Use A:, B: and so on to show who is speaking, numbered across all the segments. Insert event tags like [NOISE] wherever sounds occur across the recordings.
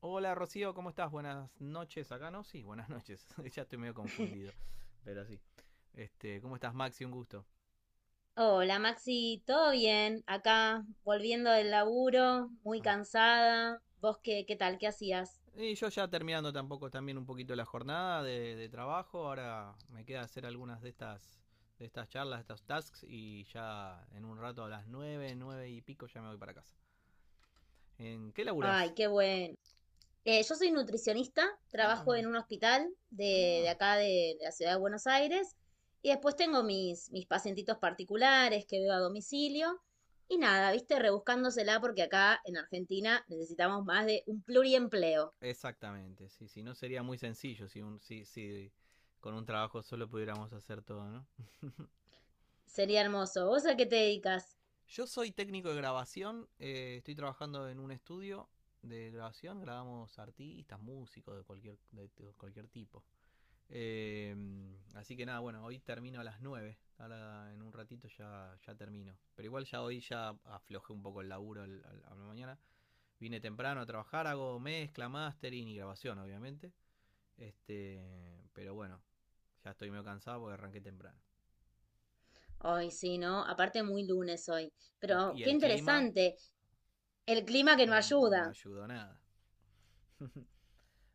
A: Hola Rocío, ¿cómo estás? Buenas noches. Acá no, sí, buenas noches. [LAUGHS] Ya estoy medio confundido, pero sí. ¿Cómo estás, Maxi? Un gusto.
B: Hola Maxi, ¿todo bien? Acá volviendo del laburo, muy
A: Ah.
B: cansada. ¿Vos qué, qué tal? ¿Qué hacías?
A: Y yo ya terminando tampoco también un poquito la jornada de trabajo. Ahora me queda hacer algunas de estas charlas, de estos tasks y ya en un rato a las 9, 9 y pico ya me voy para casa. ¿En qué laburás?
B: Ay, qué bueno. Yo soy nutricionista,
A: Ah,
B: trabajo
A: mira.
B: en un hospital de
A: Ah,
B: acá de la ciudad de Buenos Aires y después tengo mis pacientitos particulares que veo a domicilio y nada, viste, rebuscándosela porque acá en Argentina necesitamos más de un pluriempleo.
A: exactamente. Sí, sí, no sería muy sencillo si con un trabajo solo pudiéramos hacer todo, ¿no?
B: Sería hermoso. ¿Vos a qué te dedicas?
A: Yo soy técnico de grabación, estoy trabajando en un estudio de grabación, grabamos artistas, músicos de cualquier tipo. Eh, así que nada, bueno, hoy termino a las 9. Ahora en un ratito ya termino. Pero igual ya hoy ya aflojé un poco el laburo a la mañana. Vine temprano a trabajar, hago mezcla, mastering y grabación, obviamente. Pero bueno, ya estoy medio cansado porque arranqué temprano.
B: Ay, sí, ¿no? Aparte muy lunes hoy. Pero
A: Y
B: qué
A: el clima
B: interesante. El clima que no
A: no
B: ayuda.
A: ayudó nada.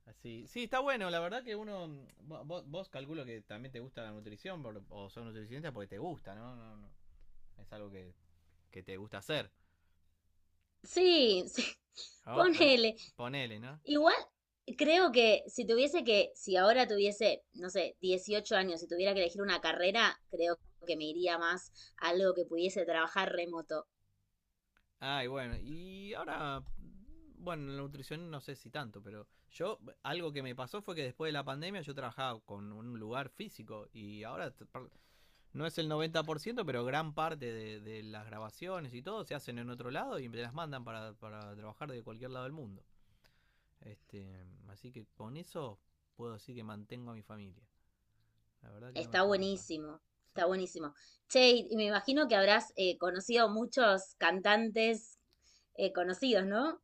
A: Así. Sí, está bueno. La verdad que uno. Vos calculo que también te gusta la nutrición o sos nutricionista porque te gusta, ¿no? No, no. Es algo que te gusta hacer.
B: Sí, sí. [LAUGHS]
A: ¿No?
B: Ponele.
A: Ponele, ¿no?
B: Igual creo que si si ahora tuviese, no sé, 18 años y tuviera que elegir una carrera, creo que me iría más a algo que pudiese trabajar remoto.
A: Ah, y bueno. Y ahora. Bueno, la nutrición no sé si tanto, pero yo. Algo que me pasó fue que después de la pandemia yo trabajaba con un lugar físico y ahora no es el 90%, pero gran parte de las grabaciones y todo se hacen en otro lado y me las mandan para trabajar de cualquier lado del mundo. Así que con eso puedo decir que mantengo a mi familia. La verdad que no me
B: Está
A: puedo quejar.
B: buenísimo,
A: Sí.
B: está buenísimo. Che, y me imagino que habrás conocido muchos cantantes conocidos, ¿no?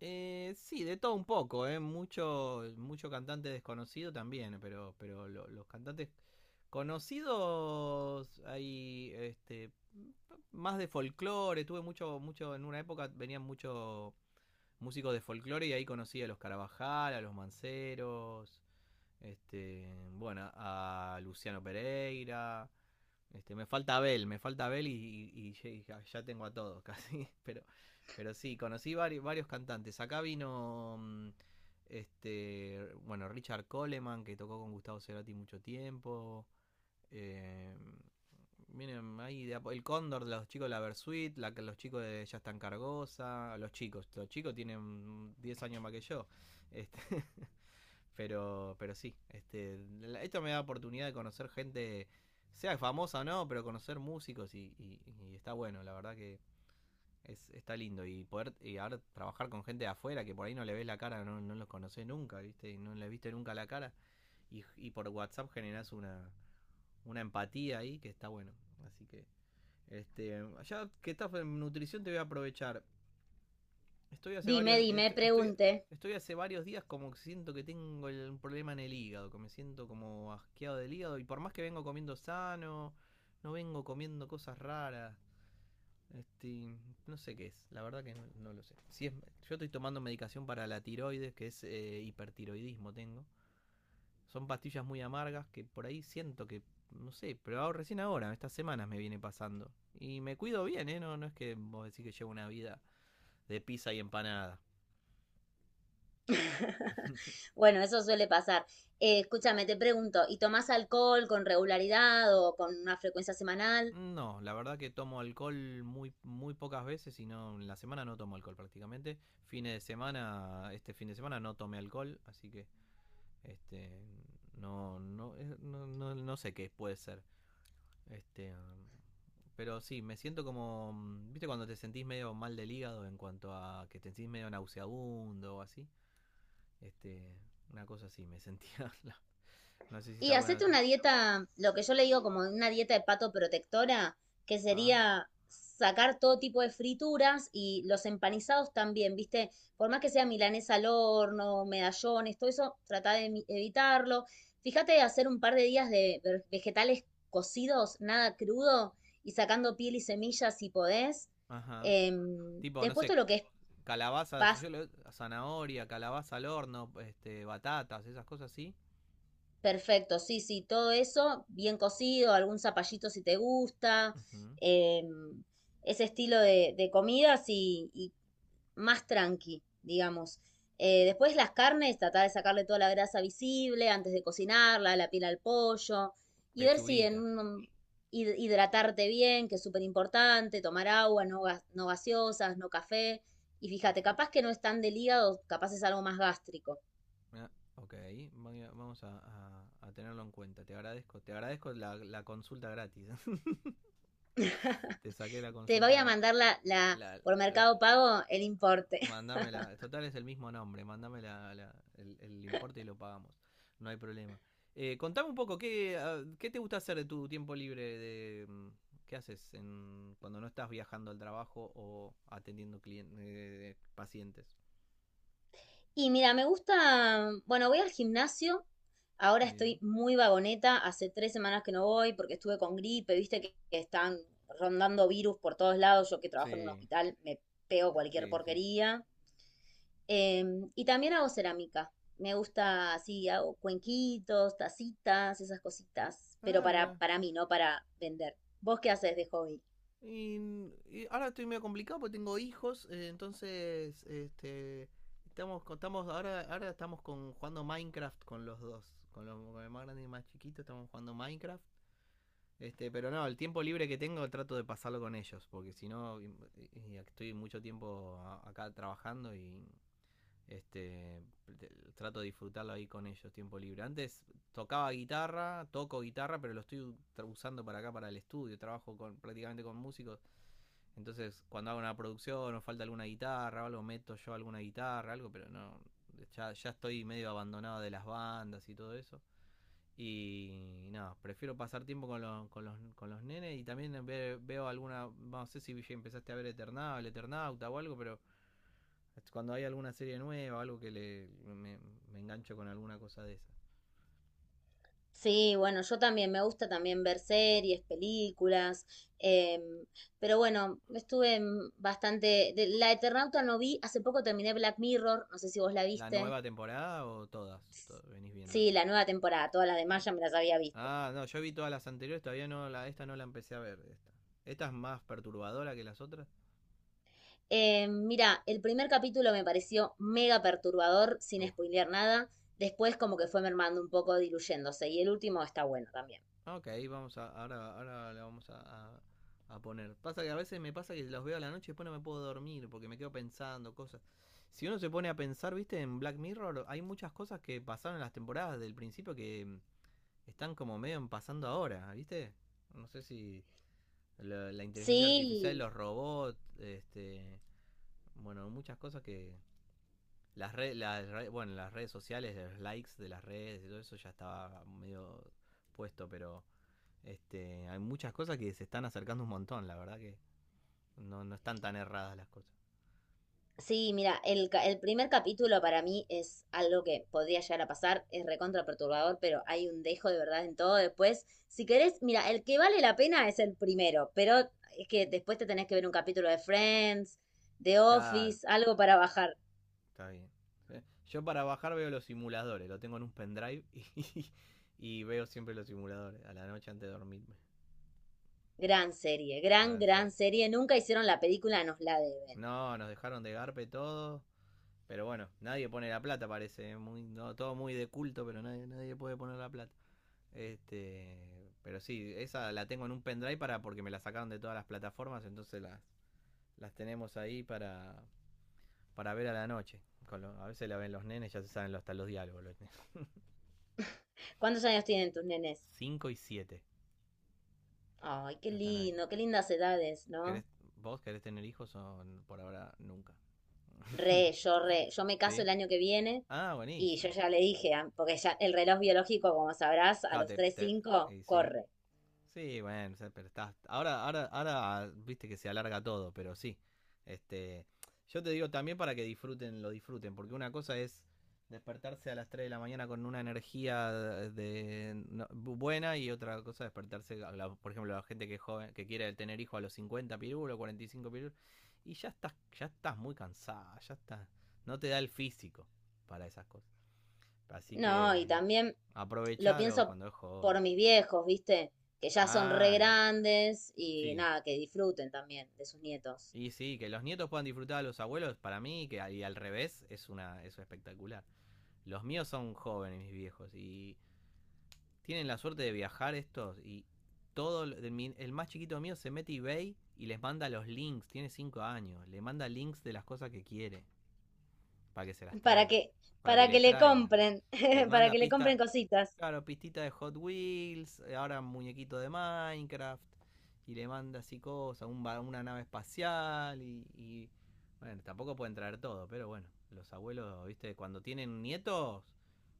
A: Sí, de todo un poco, ¿eh? Mucho, mucho cantante desconocido también, pero los cantantes conocidos hay más de folclore, tuve mucho, mucho, en una época venían muchos músicos de folclore y ahí conocí a los Carabajal, a los Manceros, bueno, a Luciano Pereira. Me falta Abel, me falta Abel ya tengo a todos [LAUGHS] casi. Pero sí, conocí varios, varios cantantes. Acá vino bueno, Richard Coleman, que tocó con Gustavo Cerati mucho tiempo. Eh, Miren, ahí el Cóndor, los chicos de la Versuit, los chicos de Ya están Cargosa, los chicos tienen 10 años más que yo. Este, [LAUGHS] pero sí, esto me da oportunidad de conocer gente, sea famosa o no, pero conocer músicos y está bueno, la verdad que está lindo. Y poder y ahora trabajar con gente de afuera que por ahí no le ves la cara, no los conoces nunca, ¿viste? No les viste nunca la cara. Y por WhatsApp generás una empatía ahí que está bueno. Así que, ya que estás en nutrición te voy a aprovechar. Estoy hace
B: Dime,
A: varios.
B: dime,
A: Estoy, estoy,
B: pregunte.
A: estoy hace varios días como que siento que tengo un problema en el hígado, que me siento como asqueado del hígado. Y por más que vengo comiendo sano, no vengo comiendo cosas raras. Este, no sé qué es, la verdad que no lo sé. Si es, Yo estoy tomando medicación para la tiroides, que es hipertiroidismo tengo. Son pastillas muy amargas que por ahí siento que, no sé, pero recién ahora, estas semanas me viene pasando. Y me cuido bien, ¿eh? No, no es que vos decís que llevo una vida de pizza y empanada.
B: [LAUGHS] Bueno, eso suele pasar. Escúchame, te pregunto, ¿y tomás alcohol con regularidad o con una frecuencia semanal?
A: No, la verdad que tomo alcohol muy, muy pocas veces y no, en la semana no tomo alcohol prácticamente. Fines de semana, este fin de semana no tomé alcohol, así que este no sé qué puede ser. Este, um, pero sí, me siento como, viste cuando te sentís medio mal del hígado en cuanto a que te sentís medio nauseabundo o así. Este, una cosa así, me sentía. [LAUGHS] No, no sé si
B: Y
A: está bueno.
B: hacete una dieta, lo que yo le digo como una dieta de pato protectora, que
A: Ah,
B: sería sacar todo tipo de frituras y los empanizados también, ¿viste? Por más que sea milanesa al horno, medallones, todo eso, trata de evitarlo. Fíjate de hacer un par de días de vegetales cocidos, nada crudo, y sacando piel y semillas si podés.
A: ajá. Tipo, no
B: Después
A: sé,
B: todo lo que es
A: calabaza,
B: pastas.
A: zanahoria, calabaza al horno, batatas, esas cosas así.
B: Perfecto, sí, sí, todo eso bien cocido, algún zapallito si te gusta,
A: Uh-huh.
B: em, ese estilo de comidas y más tranqui, digamos. Después las carnes, tratar de sacarle toda la grasa visible antes de cocinarla, la piel al pollo y ver si en
A: Pechuguita.
B: hidratarte bien, que es súper importante, tomar agua, no, no gaseosas, no café. Y fíjate,
A: Perfecto.
B: capaz que no es tan del hígado, capaz es algo más gástrico.
A: Ah, ok, vamos a tenerlo en cuenta. Te agradezco la consulta gratis. [LAUGHS] Te saqué la
B: Te voy
A: consulta
B: a
A: gratis.
B: mandar
A: La,
B: por
A: la- la-
B: Mercado Pago el importe. [LAUGHS]
A: Mándame Total es el mismo nombre. Mándame el importe y lo pagamos. No hay problema. Contame un poco, ¿qué te gusta hacer de tu tiempo libre? ¿Qué haces cuando no estás viajando al trabajo o atendiendo pacientes?
B: Y mira, me gusta, bueno, voy al gimnasio. Ahora estoy
A: Bien.
B: muy vagoneta. Hace 3 semanas que no voy porque estuve con gripe, viste que están rondando virus por todos lados. Yo que
A: Sí.
B: trabajo en un hospital me pego cualquier
A: Sí.
B: porquería. Y también hago cerámica. Me gusta así, hago cuenquitos, tacitas, esas cositas. Pero
A: Ah, mira.
B: para mí, no para vender. ¿Vos qué haces de hobby?
A: Y, y ahora estoy medio complicado porque tengo hijos, entonces estamos ahora estamos con, jugando Minecraft con los dos, con el más grande y el más chiquito estamos jugando Minecraft. Pero no, el tiempo libre que tengo trato de pasarlo con ellos, porque si no y estoy mucho tiempo acá trabajando y este te- trato de disfrutarlo ahí con ellos tiempo libre. Antes tocaba guitarra, toco guitarra, pero lo estoy usando para acá para el estudio, trabajo con prácticamente con músicos entonces, cuando hago una producción o falta alguna guitarra o algo, meto yo alguna guitarra, algo, pero no. Ya estoy medio abandonado de las bandas y todo eso. Y nada, no, prefiero pasar tiempo con los nenes y también veo alguna, no sé si ya empezaste a ver Eternauta, Eternauta o algo, pero cuando hay alguna serie nueva algo que me, me engancho con alguna cosa de esa.
B: Sí, bueno, yo también me gusta también ver series, películas, em, pero bueno, estuve en bastante... la Eternauta no vi, hace poco terminé Black Mirror, no sé si vos la
A: ¿La
B: viste.
A: nueva temporada o todas? Venís viendo.
B: Sí, la nueva temporada, todas las demás ya me las había visto.
A: Ah, no, yo vi todas las anteriores, todavía esta no la empecé a ver. Esta es más perturbadora que las otras.
B: Mira, el primer capítulo me pareció mega perturbador, sin
A: Uh,
B: spoilear nada. Después como que fue mermando un poco, diluyéndose. Y el último está bueno también.
A: ok, ahora la vamos a, a- a poner. Pasa que a veces me pasa que los veo a la noche y después no me puedo dormir porque me quedo pensando cosas. Si uno se pone a pensar, viste, en Black Mirror hay muchas cosas que pasaron en las temporadas del principio que están como medio en pasando ahora, viste. No sé si la inteligencia artificial,
B: Sí,
A: los robots, bueno, muchas cosas que. Las redes, las Bueno, las redes sociales, los likes de las redes y todo eso ya estaba medio puesto, pero hay muchas cosas que se están acercando un montón, la verdad que no están tan erradas las cosas.
B: sí, mira, el primer capítulo para mí es algo que podría llegar a pasar, es recontra perturbador, pero hay un dejo de verdad en todo después. Si querés, mira, el que vale la pena es el primero, pero es que después te tenés que ver un capítulo de Friends, de
A: Claro,
B: Office, algo para bajar.
A: está bien. ¿Sí? Yo para bajar veo los simuladores, lo tengo en un pendrive [LAUGHS] y veo siempre los simuladores a la noche antes de dormirme.
B: Gran serie, gran, gran serie. Nunca hicieron la película, nos la deben.
A: No, nos dejaron de garpe todo, pero bueno, nadie pone la plata parece, ¿eh? Muy, no, todo muy de culto, pero nadie puede poner la plata. Este, pero sí, esa la tengo en un pendrive para porque me la sacaron de todas las plataformas, entonces las tenemos ahí para ver a la noche. A veces la ven los nenes, ya se saben hasta los diálogos. Los
B: ¿Cuántos años tienen tus nenes?
A: 5 y 7
B: Ay, qué
A: están ahí.
B: lindo, qué lindas edades,
A: ¿Querés,
B: ¿no?
A: ¿Vos querés tener hijos o por ahora nunca? [LAUGHS]
B: Re, yo me caso
A: ¿Sí?
B: el año que viene
A: Ah,
B: y yo
A: buenísimo.
B: ya le dije, porque ya el reloj biológico, como sabrás, a
A: Claro,
B: los tres cinco
A: y sí.
B: corre.
A: Sí, bueno, o sea, pero estás. Ahora viste que se alarga todo, pero sí. Este, yo te digo también para que disfruten, lo disfruten, porque una cosa es despertarse a las 3 de la mañana con una energía de, buena y otra cosa es despertarse, por ejemplo, la gente que es joven, que quiere tener hijos a los 50 pirulos, 45 pirulos, y ya estás muy cansada, ya estás, no te da el físico para esas cosas. Así
B: No, y
A: que
B: también lo
A: aprovechalo
B: pienso
A: cuando es joven.
B: por mis viejos, ¿viste? Que ya son re
A: Ah,
B: grandes y
A: sí.
B: nada, que disfruten también de sus nietos.
A: Y sí, que los nietos puedan disfrutar a los abuelos, para mí, que y al revés, es una eso espectacular. Los míos son jóvenes, mis viejos, y tienen la suerte de viajar estos, y todo, el más chiquito mío se mete a eBay y les manda los links, tiene 5 años, le manda links de las cosas que quiere para que se las
B: Para
A: traigan,
B: que,
A: para
B: para
A: que le
B: que le
A: traigan.
B: compren,
A: Les
B: [LAUGHS] para
A: manda
B: que le
A: pista,
B: compren cositas,
A: claro, pistita de Hot Wheels, ahora muñequito de Minecraft, y le manda así cosas, un una nave espacial, bueno, tampoco pueden traer todo, pero bueno, los abuelos, viste, cuando tienen nietos,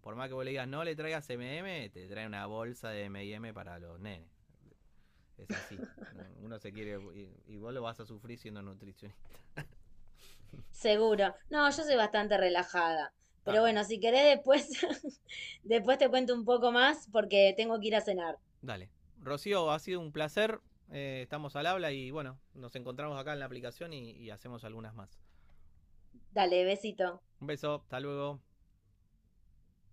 A: por más que vos le digas no le traigas MM, te trae una bolsa de MM para los nenes. Es así, ¿no? Uno se quiere, y vos lo vas a sufrir siendo nutricionista.
B: seguro. No, yo soy bastante relajada.
A: Ah,
B: Pero
A: bueno.
B: bueno, si querés después, [LAUGHS] después te cuento un poco más porque tengo que ir a cenar.
A: Dale. Rocío, ha sido un placer. Estamos al habla y bueno, nos encontramos acá en la aplicación y hacemos algunas más.
B: Dale, besito.
A: Un beso, hasta luego.